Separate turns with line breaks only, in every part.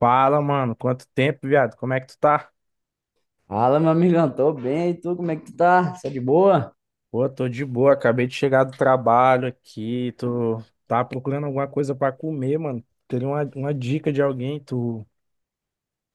Fala, mano. Quanto tempo, viado? Como é que tu tá?
Fala, meu amigão, tô bem, e tu, como é que tu tá? Tá de boa?
Pô, tô de boa. Acabei de chegar do trabalho aqui. Tá procurando alguma coisa pra comer, mano. Queria uma dica de alguém. Tu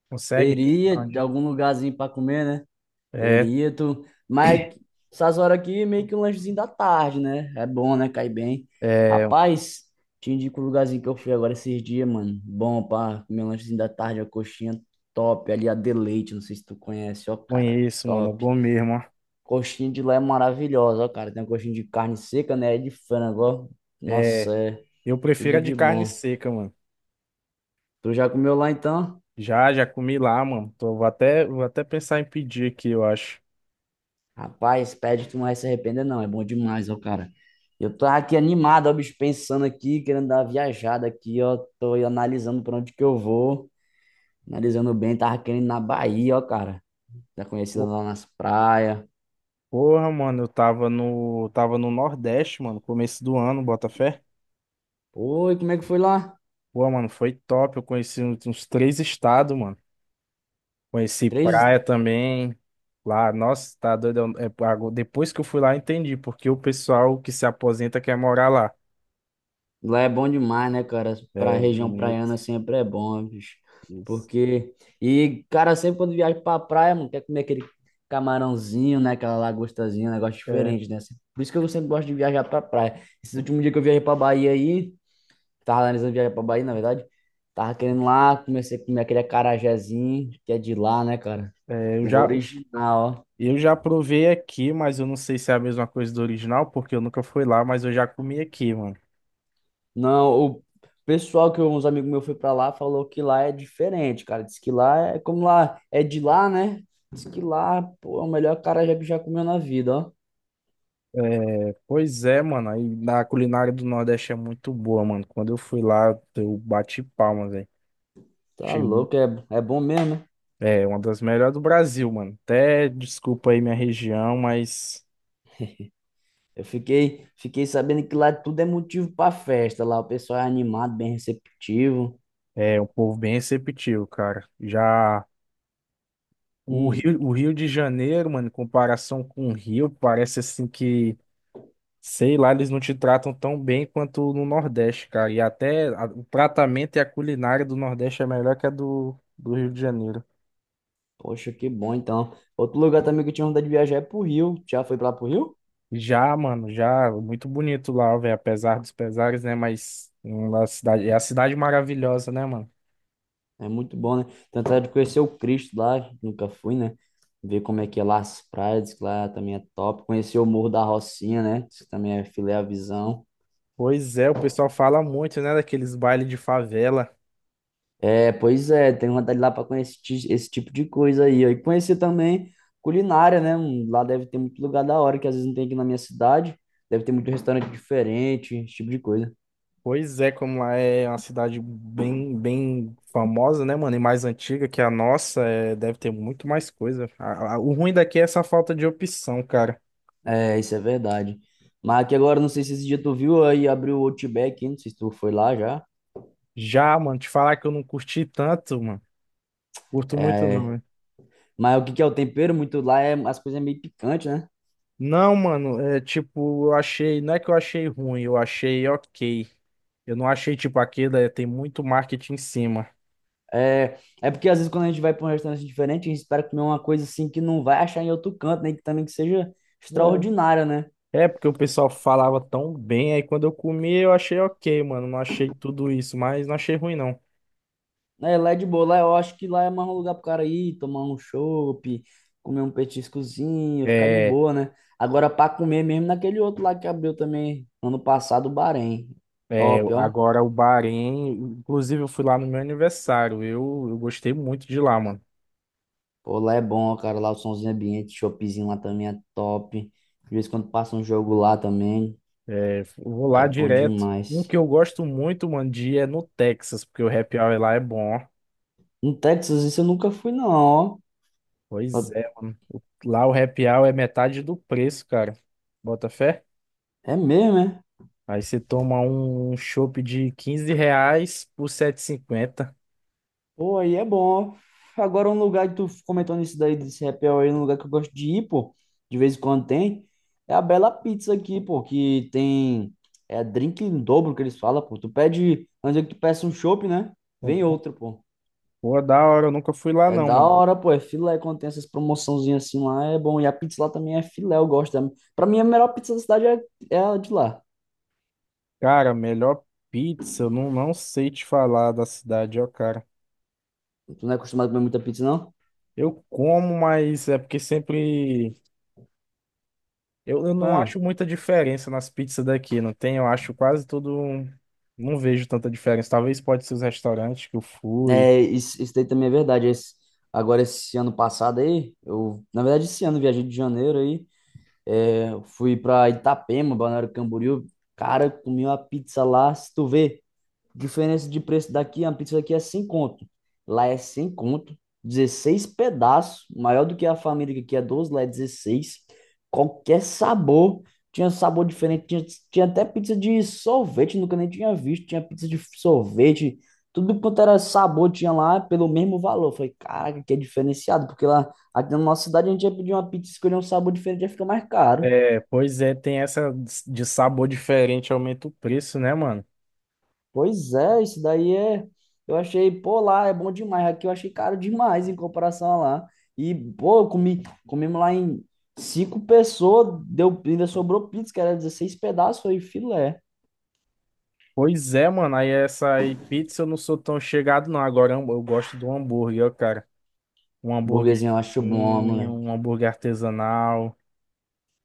consegue me
Teria
dar,
de
né?
algum lugarzinho pra comer, né?
É,
Mas essas horas aqui, é meio que um lanchezinho da tarde, né? É bom, né? Cai bem.
é, eu
Rapaz, te indico o lugarzinho que eu fui agora esses dias, mano. Bom pra comer um lanchezinho da tarde, a coxinha top. Ali a Deleite, não sei se tu conhece, ó, cara,
conheço, mano. É
top.
bom mesmo, ó.
Coxinha de lá é maravilhosa, ó, cara. Tem uma coxinha de carne seca, né? E de frango, ó.
É,
Nossa, é
eu prefiro
tudo
a de
de
carne
bom.
seca, mano.
Tu já comeu lá, então?
Já, já comi lá, mano. Vou até pensar em pedir aqui, eu acho.
Rapaz, pede, tu não vai se arrepender, não. É bom demais, ó, cara. Eu tô aqui animado, ó, bicho, pensando aqui, querendo dar uma viajada aqui, ó. Tô aí analisando pra onde que eu vou. Analisando bem, tava querendo ir na Bahia, ó, cara. Tá conhecida
Pô,
lá nas praias.
Porra, mano, eu tava no Nordeste, mano, começo do ano, bota fé.
Oi, como é que foi lá?
Pô, mano, foi top. Eu conheci uns três estados, mano. Conheci
Três,
praia também. Lá, nossa, tá doido. É, depois que eu fui lá, entendi, porque o pessoal que se aposenta quer morar lá.
Lá é bom demais, né, cara? Pra
É
região
bonito.
praiana sempre é bom, bicho.
Isso.
Porque. E, cara, sempre quando viaja pra praia, mano, quer comer aquele camarãozinho, né? Aquela lagostazinha, um negócio
É,
diferente, né? Assim, por isso que eu sempre gosto de viajar pra praia. Esse último dia que eu viajei pra Bahia aí, tava analisando viajar pra Bahia, na verdade. Tava querendo lá, comecei a comer aquele acarajézinho, que é de lá, né, cara?
é, eu
O
já,
original, ó.
eu já provei aqui, mas eu não sei se é a mesma coisa do original, porque eu nunca fui lá, mas eu já comi aqui, mano.
Não, o pessoal que uns amigos meus foi pra lá falou que lá é diferente, cara. Diz que lá é como lá é de lá, né? Diz que lá, pô, é o melhor carajé que já comeu na vida, ó.
É, pois é, mano. Aí na culinária do Nordeste é muito boa, mano. Quando eu fui lá, eu bati palmas, velho.
Tá louco, é, é bom mesmo, né?
É, uma das melhores do Brasil, mano. Até desculpa aí minha região, mas
Eu fiquei sabendo que lá tudo é motivo pra festa. Lá o pessoal é animado, bem receptivo.
é um povo bem receptivo, cara. Já o
Hum,
Rio, o Rio de Janeiro, mano, em comparação com o Rio, parece assim que, sei lá, eles não te tratam tão bem quanto no Nordeste, cara. E até o tratamento e a culinária do Nordeste é melhor que a do Rio de Janeiro.
poxa, que bom então. Outro lugar também que eu tinha vontade de viajar é pro Rio. Já foi pra lá pro Rio?
Já, mano, já muito bonito lá, velho, apesar dos pesares, né? Mas é a cidade maravilhosa, né, mano?
É muito bom, né? Tentar de conhecer o Cristo lá, que nunca fui, né? Ver como é que é lá as praias, que lá também é top. Conhecer o Morro da Rocinha, né? Diz também é filé à visão.
Pois é, o pessoal fala muito, né, daqueles bailes de favela.
É, pois é, tenho vontade de ir lá para conhecer esse tipo de coisa aí, ó. E conhecer também culinária, né? Lá deve ter muito lugar da hora, que às vezes não tem aqui na minha cidade. Deve ter muito restaurante diferente, esse tipo de coisa.
Pois é, como lá é uma cidade bem, bem famosa, né, mano, e mais antiga que a nossa, é, deve ter muito mais coisa. O ruim daqui é essa falta de opção, cara.
É, isso é verdade. Mas aqui agora, não sei se esse dia tu viu aí, abriu o Outback, hein? Não sei se tu foi lá já.
Já, mano, te falar que eu não curti tanto, mano. Curto muito não,
É,
velho.
mas o que que é o tempero muito lá é as coisas é meio picantes, né?
Não, mano, é tipo, eu achei, não é que eu achei ruim, eu achei ok. Eu não achei tipo aquele, é, tem muito marketing em cima.
É, é porque às vezes quando a gente vai para um restaurante diferente, a gente espera comer uma coisa assim que não vai achar em outro canto, né? Que também que seja extraordinária, né?
É, porque o pessoal falava tão bem, aí quando eu comi eu achei ok, mano. Não achei tudo isso, mas não achei ruim, não.
É, lá é de boa, lá eu acho que lá é mais um lugar pro cara ir, tomar um chopp, comer um petiscozinho, ficar de
É,
boa, né? Agora para comer mesmo naquele outro lá que abriu também ano passado, o Bahrein.
é,
Top, ó.
agora o Bahrein, inclusive eu fui lá no meu aniversário, eu gostei muito de lá, mano.
Pô, lá é bom, ó, cara, lá o somzinho ambiente, choppzinho lá também é top. De vez em quando passa um jogo lá também.
É, vou
Lá
lá
é bom
direto. Um
demais.
que eu gosto muito, mano, de ir é no Texas, porque o happy hour lá é bom.
No Texas, isso eu nunca fui, não, ó.
Pois é, mano. Lá o happy hour é metade do preço, cara. Bota fé?
É mesmo, é?
Aí você toma um chopp de R$ 15 por 7,50.
Pô, aí é bom, ó. Agora, um lugar que tu comentou nisso daí, desse happy hour aí, um lugar que eu gosto de ir, pô, de vez em quando tem, é a Bela Pizza aqui, pô, que tem, é drink em dobro que eles falam, pô. Tu pede, antes que tu peça um chopp, né? Vem outro, pô.
Pô, da hora, eu nunca fui lá
É
não,
da
mano.
hora, pô, é filé, quando tem essas promoçãozinhas assim lá, é bom. E a pizza lá também é filé, eu gosto. Pra mim, a melhor pizza da cidade é, é a de lá.
Cara, melhor pizza, eu não sei te falar da cidade, ó, cara.
Tu não é acostumado a comer muita pizza, não?
Eu como, mas é porque sempre. Eu não
Ah.
acho muita diferença nas pizzas daqui, não tem? Eu acho quase tudo. Não vejo tanta diferença. Talvez pode ser os restaurantes que eu fui.
É, isso daí também é verdade. Agora, esse ano passado aí, eu, na verdade, esse ano, eu viajei de janeiro aí, é, fui pra Itapema, Balneário Camboriú. Cara, comi uma pizza lá, se tu vê. Diferença de preço daqui, uma pizza daqui é 100 conto. Lá é 100 conto, 16 pedaços, maior do que a família que aqui é 12 lá é 16. Qualquer sabor, tinha sabor diferente, tinha até pizza de sorvete, nunca nem tinha visto, tinha pizza de sorvete, tudo quanto era sabor tinha lá pelo mesmo valor. Eu falei, caraca, que é diferenciado, porque lá aqui na nossa cidade a gente ia pedir uma pizza e escolher um sabor diferente, ia ficar mais caro.
É, pois é, tem essa de sabor diferente, aumenta o preço, né, mano?
Pois é, isso daí é. Eu achei, pô, lá é bom demais. Aqui eu achei caro demais em comparação a lá. E, pô, eu comi, comemos lá em cinco pessoas, deu, ainda sobrou pizza, que era 16 pedaços, foi filé.
Pois é, mano. Aí essa aí, pizza eu não sou tão chegado, não. Agora eu gosto do hambúrguer, ó, cara. Um hambúrguer,
Burguesinho eu acho bom.
um hambúrguer artesanal.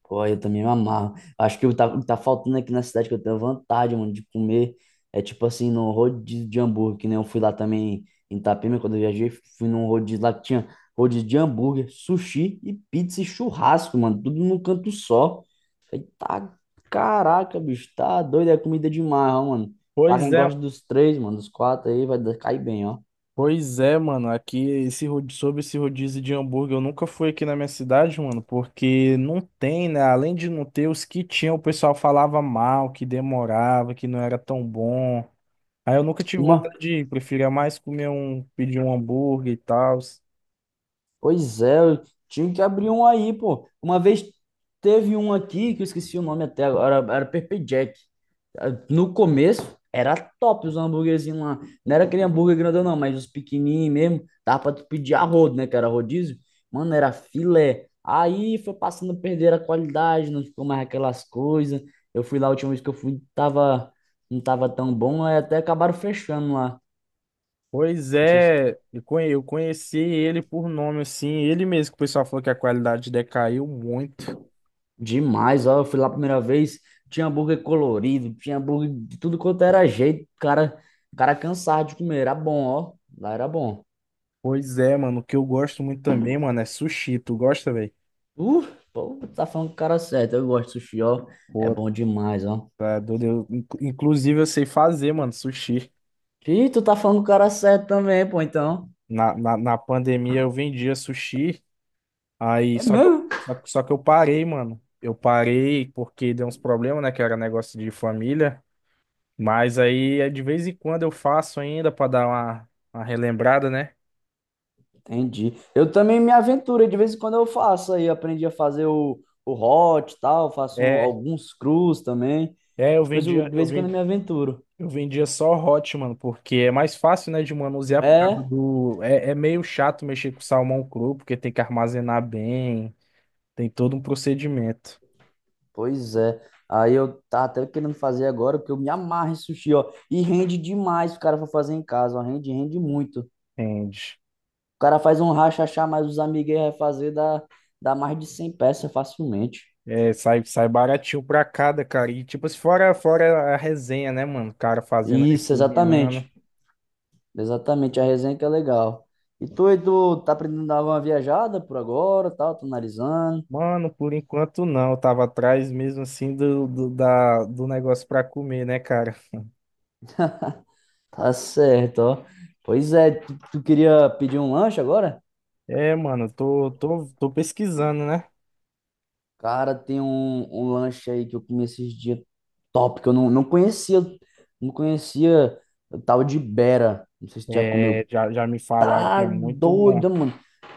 Pô, eu também me amarro. Acho que o que tá faltando aqui na cidade que eu tenho vontade, mano, de comer. É tipo assim, no rodízio de hambúrguer, que nem eu fui lá também em Itapema, quando eu viajei, fui num rodízio lá que tinha rodízio de hambúrguer, sushi e pizza e churrasco, mano, tudo num canto só. Falei, tá, caraca, bicho, tá doido, é comida demais, ó, mano. Pra
Pois
quem
é,
gosta dos três, mano, dos quatro aí, vai cair bem, ó.
Pois é, mano, aqui esse sobre esse rodízio de hambúrguer, eu nunca fui aqui na minha cidade, mano, porque não tem, né? Além de não ter os que tinham, o pessoal falava mal, que demorava, que não era tão bom. Aí eu nunca tive
Uma
vontade de ir, preferia mais comer um, pedir um hambúrguer e tal.
Pois é, eu tinha que abrir um aí, pô. Uma vez teve um aqui que eu esqueci o nome até agora, era Pepper Jack. Ah, no começo era top os hambúrguerzinhos lá. Não era aquele hambúrguer grandão, não, mas os pequenininhos mesmo. Dava pra tu pedir a rodo, né? Que era rodízio. Mano, era filé. Aí foi passando a perder a qualidade, não ficou mais aquelas coisas. Eu fui lá a última vez que eu fui, tava, não tava tão bom, aí até acabaram fechando lá.
Pois
Não sei se
é, eu conheci ele por nome, assim, ele mesmo que o pessoal falou que a qualidade decaiu muito.
Demais, ó. Eu fui lá a primeira vez, tinha hambúrguer colorido, tinha hambúrguer de tudo quanto era jeito. Cara, cara cansado de comer, era bom, ó. Lá era bom.
Pois é, mano, o que eu gosto muito também, mano, é sushi. Tu gosta, velho?
Uh, Pô, tu tá falando com o cara certo. Eu gosto de sushi, ó. É bom demais, ó.
Tá doido. Eu, inclusive, eu sei fazer, mano, sushi.
Ih, tu tá falando com o cara certo também, pô, então.
Na pandemia eu vendia sushi. Aí,
É
só que eu,
mesmo?
só, que- só que eu parei, mano. Eu parei porque deu uns problemas, né? Que era negócio de família. Mas aí, é de vez em quando eu faço ainda pra dar uma relembrada, né?
Entendi. Eu também me aventuro, de vez em quando eu faço aí, aprendi a fazer o hot e tal, faço
É,
alguns crus também.
é, eu
Coisa,
vendia,
de
eu
vez em quando eu
vendia,
me aventuro.
eu vendia só hot, mano, porque é mais fácil, né, de manusear por causa
É,
do. É, é meio chato mexer com salmão cru, porque tem que armazenar bem, tem todo um procedimento.
pois é. Aí eu tava até querendo fazer agora, porque eu me amarro em sushi, ó. E rende demais se o cara for fazer em casa, ó. Rende muito. O
Entende?
cara faz um rachachá, mas os amigos aí vai fazer, dá mais de 100 peças facilmente.
É, sai baratinho pra cada, cara. E tipo, se fora a resenha, né, mano? O cara fazendo ali,
Isso,
cozinhando.
exatamente. Exatamente, a resenha que é legal. E tu tá aprendendo a dar uma viajada por agora, tal, tô analisando.
Mano, por enquanto não. Eu tava atrás mesmo assim do negócio pra comer, né, cara?
Tá certo, ó. Pois é, tu queria pedir um lanche agora?
É, mano, tô pesquisando, né?
Cara, tem um lanche aí que eu comi esses dias top, que eu não conhecia o tal de Bera. Não sei se tu já
É,
comeu.
já, já me falaram que
Tá
é muito bom.
doido, mano.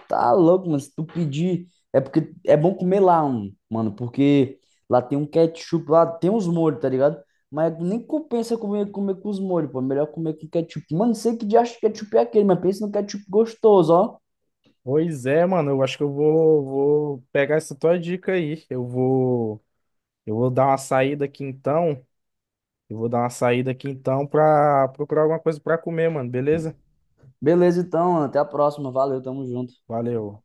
Tá louco, mano. Se tu pedir, é porque é bom comer lá, um, mano, porque lá tem um ketchup, lá tem uns molhos, tá ligado? Mas nem compensa comer com os molhos, pô. É melhor comer com ketchup. Mano, não sei que diacho de ketchup é aquele, mas pensa no ketchup gostoso, ó.
Pois é, mano, eu acho que eu vou pegar essa tua dica aí. Eu vou dar uma saída aqui então. Eu vou dar uma saída aqui então pra procurar alguma coisa pra comer, mano, beleza?
Beleza, então, até a próxima. Valeu, tamo junto.
Valeu.